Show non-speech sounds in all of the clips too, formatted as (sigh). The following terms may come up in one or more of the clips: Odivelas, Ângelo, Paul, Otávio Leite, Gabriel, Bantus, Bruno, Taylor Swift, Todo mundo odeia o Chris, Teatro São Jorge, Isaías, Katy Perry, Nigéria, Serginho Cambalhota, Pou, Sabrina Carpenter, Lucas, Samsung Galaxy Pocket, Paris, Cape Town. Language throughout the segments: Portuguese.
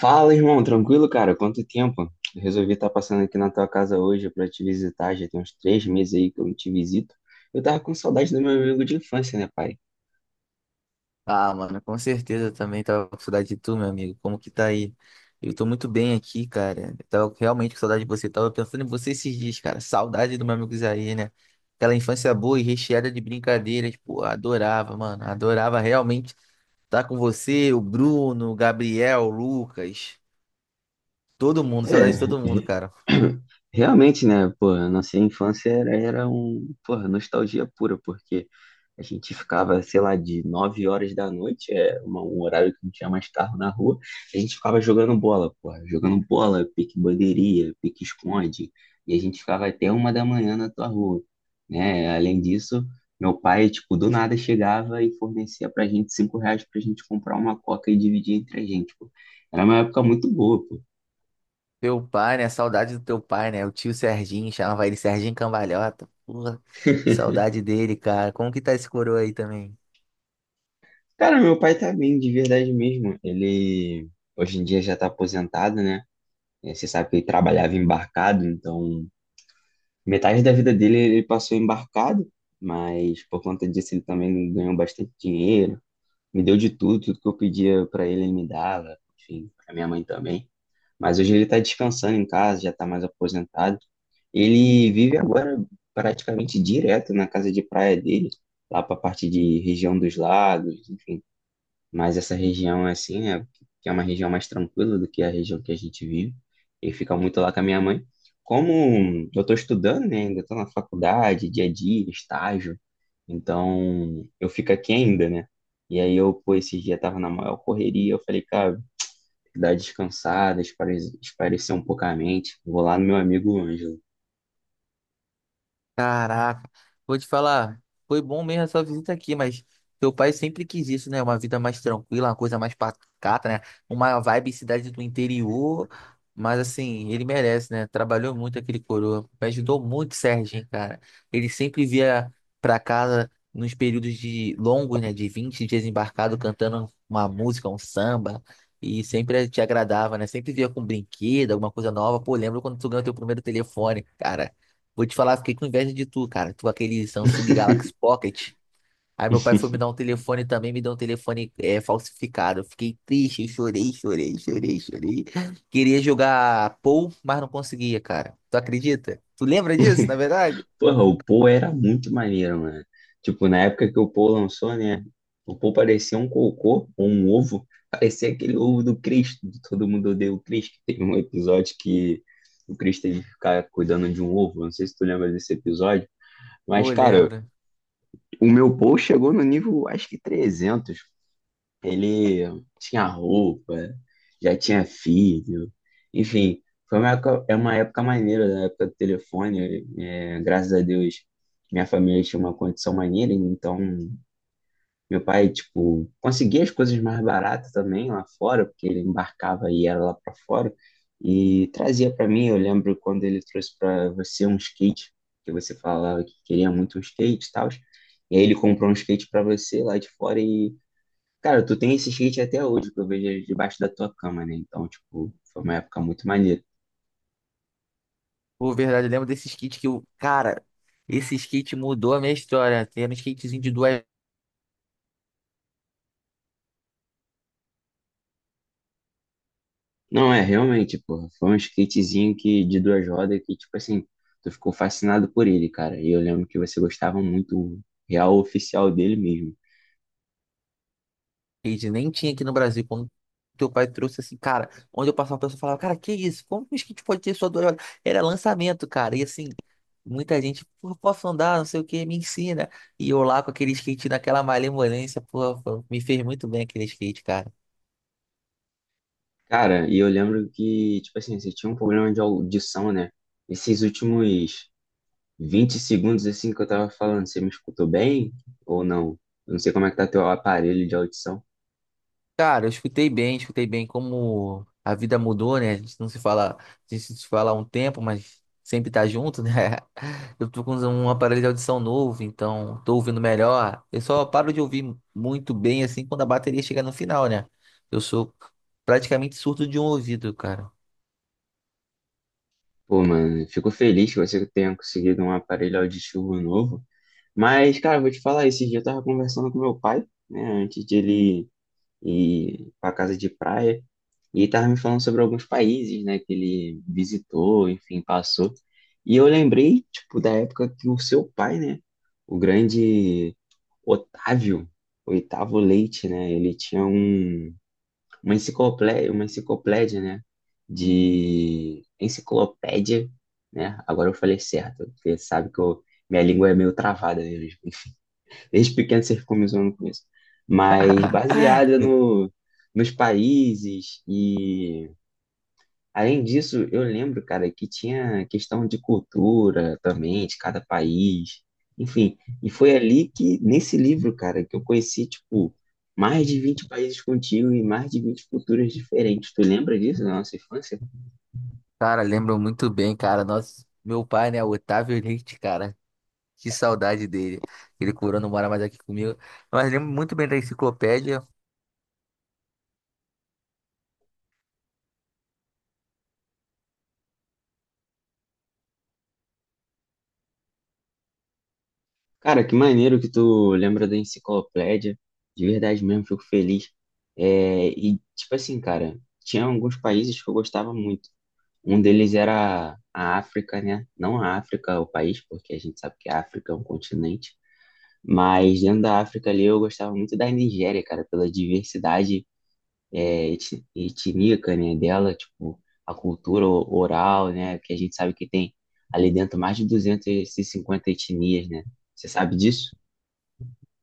Fala, irmão, tranquilo, cara? Quanto tempo? Eu resolvi estar passando aqui na tua casa hoje para te visitar. Já tem uns 3 meses aí que eu não te visito. Eu tava com saudade do meu amigo de infância, né, pai? Ah, mano, com certeza eu também tava com saudade de tu, meu amigo. Como que tá aí? Eu tô muito bem aqui, cara. Eu tava realmente com saudade de você. Eu tava pensando em você esses dias, cara. Saudade do meu amigo Isaí, né? Aquela infância boa e recheada de brincadeiras. Pô, adorava, mano. Adorava realmente estar com você, o Bruno, o Gabriel, o Lucas. Todo mundo, É, saudade de todo mundo, re- cara. (clears throat) realmente, né, pô, a nossa infância era um, porra, nostalgia pura, porque a gente ficava, sei lá, de 9 horas da noite, é um horário que não tinha mais carro na rua, a gente ficava jogando bola, porra, jogando bola, pique bandeirinha, pique esconde, e a gente ficava até 1 da manhã na tua rua, né, além disso, meu pai, tipo, do nada chegava e fornecia pra gente R$ 5 pra gente comprar uma coca e dividir entre a gente, pô. Era uma época muito boa, pô. Teu pai, né? Saudade do teu pai, né? O tio Serginho, chamava ele Serginho Cambalhota. Porra, saudade dele, cara. Como que tá esse coroa aí também? Cara, meu pai tá bem, de verdade mesmo. Ele hoje em dia já tá aposentado, né? É, você sabe que ele trabalhava embarcado, então metade da vida dele ele passou embarcado, mas por conta disso ele também ganhou bastante dinheiro, me deu de tudo, tudo que eu pedia pra ele, ele me dava, enfim, pra minha mãe também. Mas hoje ele tá descansando em casa, já tá mais aposentado. Ele vive agora praticamente direto na casa de praia dele, lá pra parte de região dos lagos, enfim. Mas essa região, assim, né, que é uma região mais tranquila do que a região que a gente vive, e fica muito lá com a minha mãe. Como eu estou estudando, né, ainda estou na faculdade, dia a dia, estágio, então eu fico aqui ainda, né? E aí eu, pô, esses dias tava na maior correria, eu falei, cara, dá descansada, esparecer um pouco a mente, vou lá no meu amigo Ângelo. Caraca, vou te falar, foi bom mesmo a sua visita aqui, mas teu pai sempre quis isso, né? Uma vida mais tranquila, uma coisa mais pacata, né? Uma vibe cidade do interior, mas assim, ele merece, né? Trabalhou muito aquele coroa, me ajudou muito, Serginho, cara. Ele sempre via pra casa nos períodos de longos, né? De 20 dias embarcado, cantando uma música, um samba, e sempre te agradava, né? Sempre via com brinquedo, alguma coisa nova. Pô, lembra quando tu ganhou teu primeiro telefone, cara? Vou te falar, fiquei com inveja de tu, cara. Tu com aquele Samsung Galaxy Pocket. Aí meu pai foi me dar um telefone também, me deu um telefone falsificado. Eu fiquei triste, eu chorei, chorei, chorei, chorei. Queria jogar Pou, mas não conseguia, cara. Tu acredita? Tu lembra disso, na verdade? Porra, o Paul era muito maneiro, mano. Tipo, na época que o Paul lançou, né? O Paul parecia um cocô ou um ovo. Parecia aquele ovo do Chris, do Todo Mundo Odeia o Chris, que teve um episódio que o Chris teve que ficar cuidando de um ovo. Não sei se tu lembra desse episódio. Mas, Pô, cara, lembra. o meu Paul chegou no nível, acho que 300. Ele tinha roupa, já tinha filho, enfim, foi uma época, é uma época maneira, da época do telefone. É, graças a Deus, minha família tinha uma condição maneira, então meu pai, tipo, conseguia as coisas mais baratas também lá fora, porque ele embarcava e era lá para fora, e trazia para mim. Eu lembro quando ele trouxe para você um skate, que você falava que queria muito um skate e tal. E aí ele comprou um skate para você lá de fora e cara, tu tem esse skate até hoje que eu vejo debaixo da tua cama, né? Então, tipo, foi uma época muito maneira. Pô, verdade, eu lembro desses kits que eu. Cara, esses kits mudou a minha história. Era um kitzinho de duas. Não, é, realmente, porra, foi um skatezinho que, de 2 rodas que, tipo assim, tu ficou fascinado por ele, cara. E eu lembro que você gostava muito, real oficial dele mesmo. Skate, nem tinha aqui no Brasil. Quando teu pai trouxe assim, cara, onde eu passava, a pessoa falava, cara, que isso? Como que o skate pode ter só duas rodas? Era lançamento, cara. E assim, muita gente, pô, posso andar, não sei o que, me ensina. E eu lá com aquele skate naquela malemolência, pô, pô, me fez muito bem aquele skate, cara. Cara, e eu lembro que, tipo assim, você tinha um problema de audição, né? Esses últimos 20 segundos, assim, que eu tava falando, você me escutou bem ou não? Eu não sei como é que tá teu aparelho de audição. Cara, eu escutei bem como a vida mudou, né? A gente não se fala, a gente se fala há um tempo, mas sempre tá junto, né? (laughs) Eu tô com um aparelho de audição novo, então tô ouvindo melhor. Eu só paro de ouvir muito bem assim quando a bateria chega no final, né? Eu sou praticamente surdo de um ouvido, cara. Pô, mano, fico feliz que você tenha conseguido um aparelho auditivo novo. Mas, cara, vou te falar, esse dia eu tava conversando com meu pai, né, antes de ele ir pra casa de praia, e ele tava me falando sobre alguns países, né, que ele visitou, enfim, passou. E eu lembrei, tipo, da época que o seu pai, né, o grande Otávio, Oitavo Leite, né, ele tinha um uma enciclopédia, né? De enciclopédia, né? Agora eu falei certo, porque sabe que eu, minha língua é meio travada mesmo. Desde pequeno você ficou me zoando com isso. Mas baseada (laughs) no, nos países e além disso, eu lembro, cara, que tinha questão de cultura também, de cada país, enfim. E foi ali que, nesse livro, cara, que eu conheci, tipo, mais de 20 países contigo e mais de 20 culturas diferentes. Tu lembra disso da nossa infância? Cara, lembro muito bem, cara. Nosso, meu pai, né? Otávio Leite, cara. Que saudade dele. Ele curou, não mora mais aqui comigo. Mas lembro muito bem da enciclopédia. Cara, que maneiro que tu lembra da enciclopédia. De verdade mesmo, fico feliz. É, e, tipo assim, cara, tinha alguns países que eu gostava muito. Um deles era a África, né? Não a África, o país, porque a gente sabe que a África é um continente. Mas dentro da África ali eu gostava muito da Nigéria, cara, pela diversidade é, etnica, né, dela, tipo, a cultura oral, né, que a gente sabe que tem ali dentro mais de 250 etnias, né? Você sabe disso?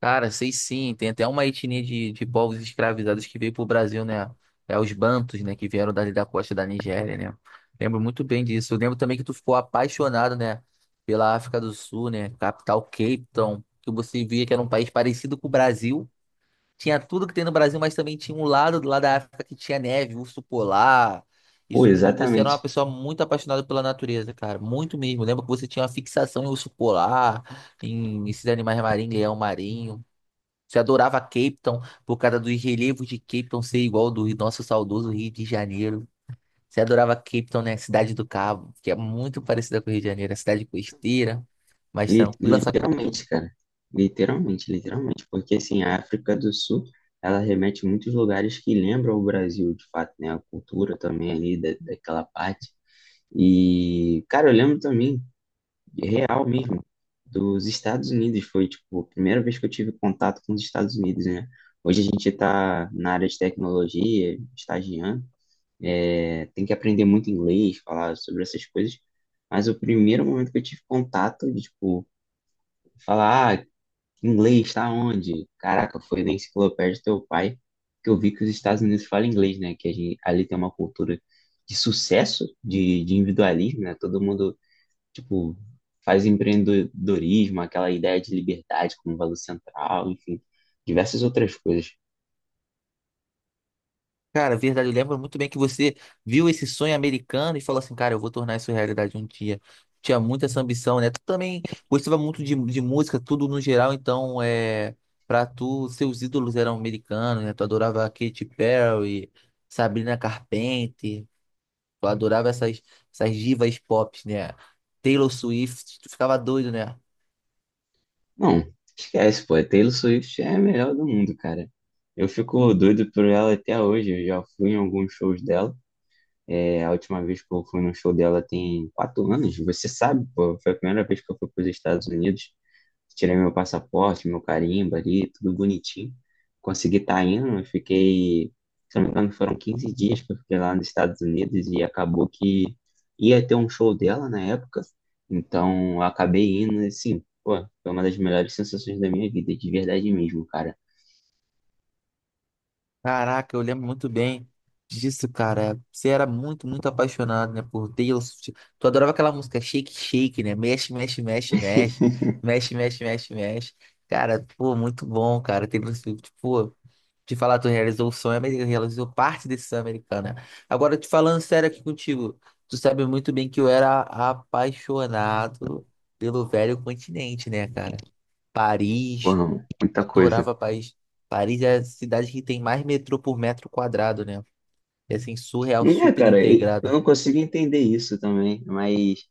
Cara, sei sim, tem até uma etnia de povos escravizados que veio pro Brasil, né? É os Bantus, né? Que vieram dali da costa da Nigéria, né? Lembro muito bem disso. Eu lembro também que tu ficou apaixonado, né? Pela África do Sul, né? Capital Cape Town, que você via que era um país parecido com o Brasil. Tinha tudo que tem no Brasil, mas também tinha um lado do lado da África que tinha neve, urso polar. Pô, Isso tudo, e você era uma exatamente. pessoa muito apaixonada pela natureza, cara. Muito mesmo. Lembro que você tinha uma fixação em urso polar, em esses animais marinhos, leão marinho. Você adorava Cape Town por causa dos relevos de Cape Town ser igual ao do nosso saudoso Rio de Janeiro. Você adorava Cape Town, né? Cidade do Cabo, que é muito parecida com o Rio de Janeiro, é cidade costeira, mais tranquila. Só que, Literalmente, cara. Literalmente, literalmente. Porque, assim, a África do Sul, ela remete a muitos lugares que lembram o Brasil, de fato, né? A cultura também ali da, daquela parte. E, cara, eu lembro também, real mesmo, dos Estados Unidos. Foi, tipo, a primeira vez que eu tive contato com os Estados Unidos, né? Hoje a gente tá na área de tecnologia, estagiando. É, tem que aprender muito inglês, falar sobre essas coisas. Mas o primeiro momento que eu tive contato, de, tipo, falar, ah, inglês tá onde? Caraca, foi na enciclopédia do teu pai que eu vi que os Estados Unidos falam inglês, né? Que a gente, ali tem uma cultura de sucesso, de, individualismo, né? Todo mundo, tipo, faz empreendedorismo, aquela ideia de liberdade como valor central, enfim, diversas outras coisas. cara, é verdade, eu lembro muito bem que você viu esse sonho americano e falou assim, cara, eu vou tornar isso realidade um dia. Tinha muita essa ambição, né? Tu também gostava muito de música, tudo no geral, então. Pra tu, seus ídolos eram americanos, né? Tu adorava Katy Perry, Sabrina Carpenter. Eu adorava essas divas pop, né? Taylor Swift, tu ficava doido, né? Não, esquece, pô. A Taylor Swift é a melhor do mundo, cara. Eu fico doido por ela até hoje. Eu já fui em alguns shows dela. É, a última vez que eu fui no show dela tem 4 anos. Você sabe, pô, foi a primeira vez que eu fui para os Estados Unidos. Tirei meu passaporte, meu carimbo ali, tudo bonitinho. Consegui estar indo, eu fiquei, se não me engano, foram 15 dias que eu fiquei lá nos Estados Unidos e acabou que ia ter um show dela na época. Então, eu acabei indo e, assim, pô, foi uma das melhores sensações da minha vida, de verdade mesmo, cara. Caraca, eu lembro muito bem disso, cara. Você era muito, muito apaixonado, né, por Taylor Swift. Tu adorava aquela música Shake, Shake, né? Mexe, mexe, mexe, mexe. (laughs) Mexe, mexe, mexe, mexe. Cara, pô, muito bom, cara. Taylor Swift, pô. Te falar, tu realizou o sonho americano, realizou parte desse sonho americano, né? Agora, te falando sério aqui contigo, tu sabe muito bem que eu era apaixonado pelo velho continente, né, cara? Paris, Porra, muita coisa. Adorava Paris. Paris é a cidade que tem mais metrô por metro quadrado, né? É assim, surreal, Não é, super cara, eu integrado. não consigo entender isso também, mas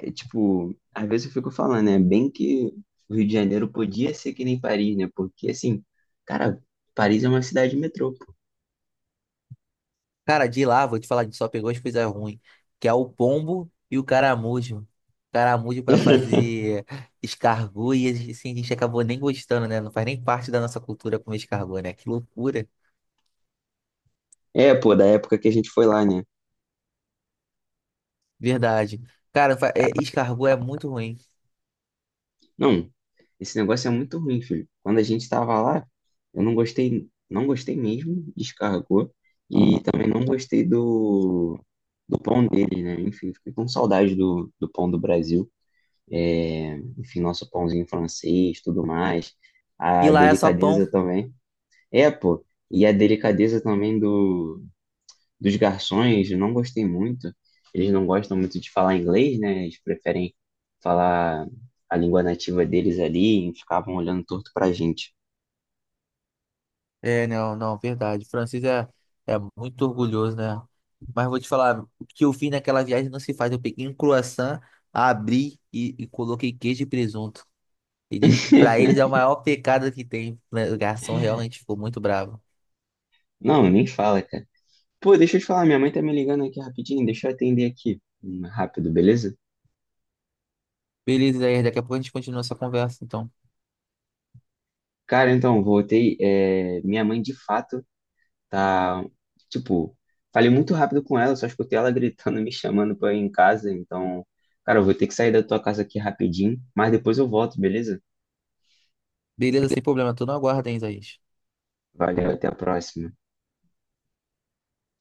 é, tipo, às vezes eu fico falando, né? Bem que o Rio de Janeiro podia ser que nem Paris, né? Porque, assim, cara, Paris é uma cidade metrô, pô. Cara, de lá, vou te falar, a gente só pegou as coisas ruins, que é o pombo e o caramujo. Caramujo pra (laughs) fazer escargot e assim, a gente acabou nem gostando, né? Não faz nem parte da nossa cultura comer escargot, né? Que loucura. É, pô, da época que a gente foi lá, né? Verdade. Cara, escargot é muito ruim. Não, esse negócio é muito ruim, filho. Quando a gente tava lá, eu não gostei, não gostei mesmo, descarregou. E também não gostei do, pão dele, né? Enfim, fiquei com saudade do, do pão do Brasil. É, enfim, nosso pãozinho francês, tudo mais. E A lá é só pão. delicadeza também. É, pô. E a delicadeza também do, dos garçons, eu não gostei muito. Eles não gostam muito de falar inglês, né? Eles preferem falar a língua nativa deles ali e ficavam olhando torto pra gente. É, não, não, verdade. Francis é muito orgulhoso, né? Mas vou te falar, o que eu fiz naquela viagem não se faz. Eu peguei um croissant, abri e coloquei queijo e presunto. Eles, para eles (laughs) é o maior pecado que tem, né? O garçom realmente ficou muito bravo. Não, nem fala, cara. Pô, deixa eu te falar, minha mãe tá me ligando aqui rapidinho, deixa eu atender aqui rápido, beleza? Beleza, Isaías, daqui a pouco a gente continua essa conversa, então. Cara, então, voltei. É, minha mãe de fato. Tá, tipo, falei muito rápido com ela, só escutei ela (laughs) gritando, me chamando pra ir em casa. Então, cara, eu vou ter que sair da tua casa aqui rapidinho, mas depois eu volto, beleza? Beleza, sem problema, tô no aguardo, hein, Isaías. Valeu, até a próxima.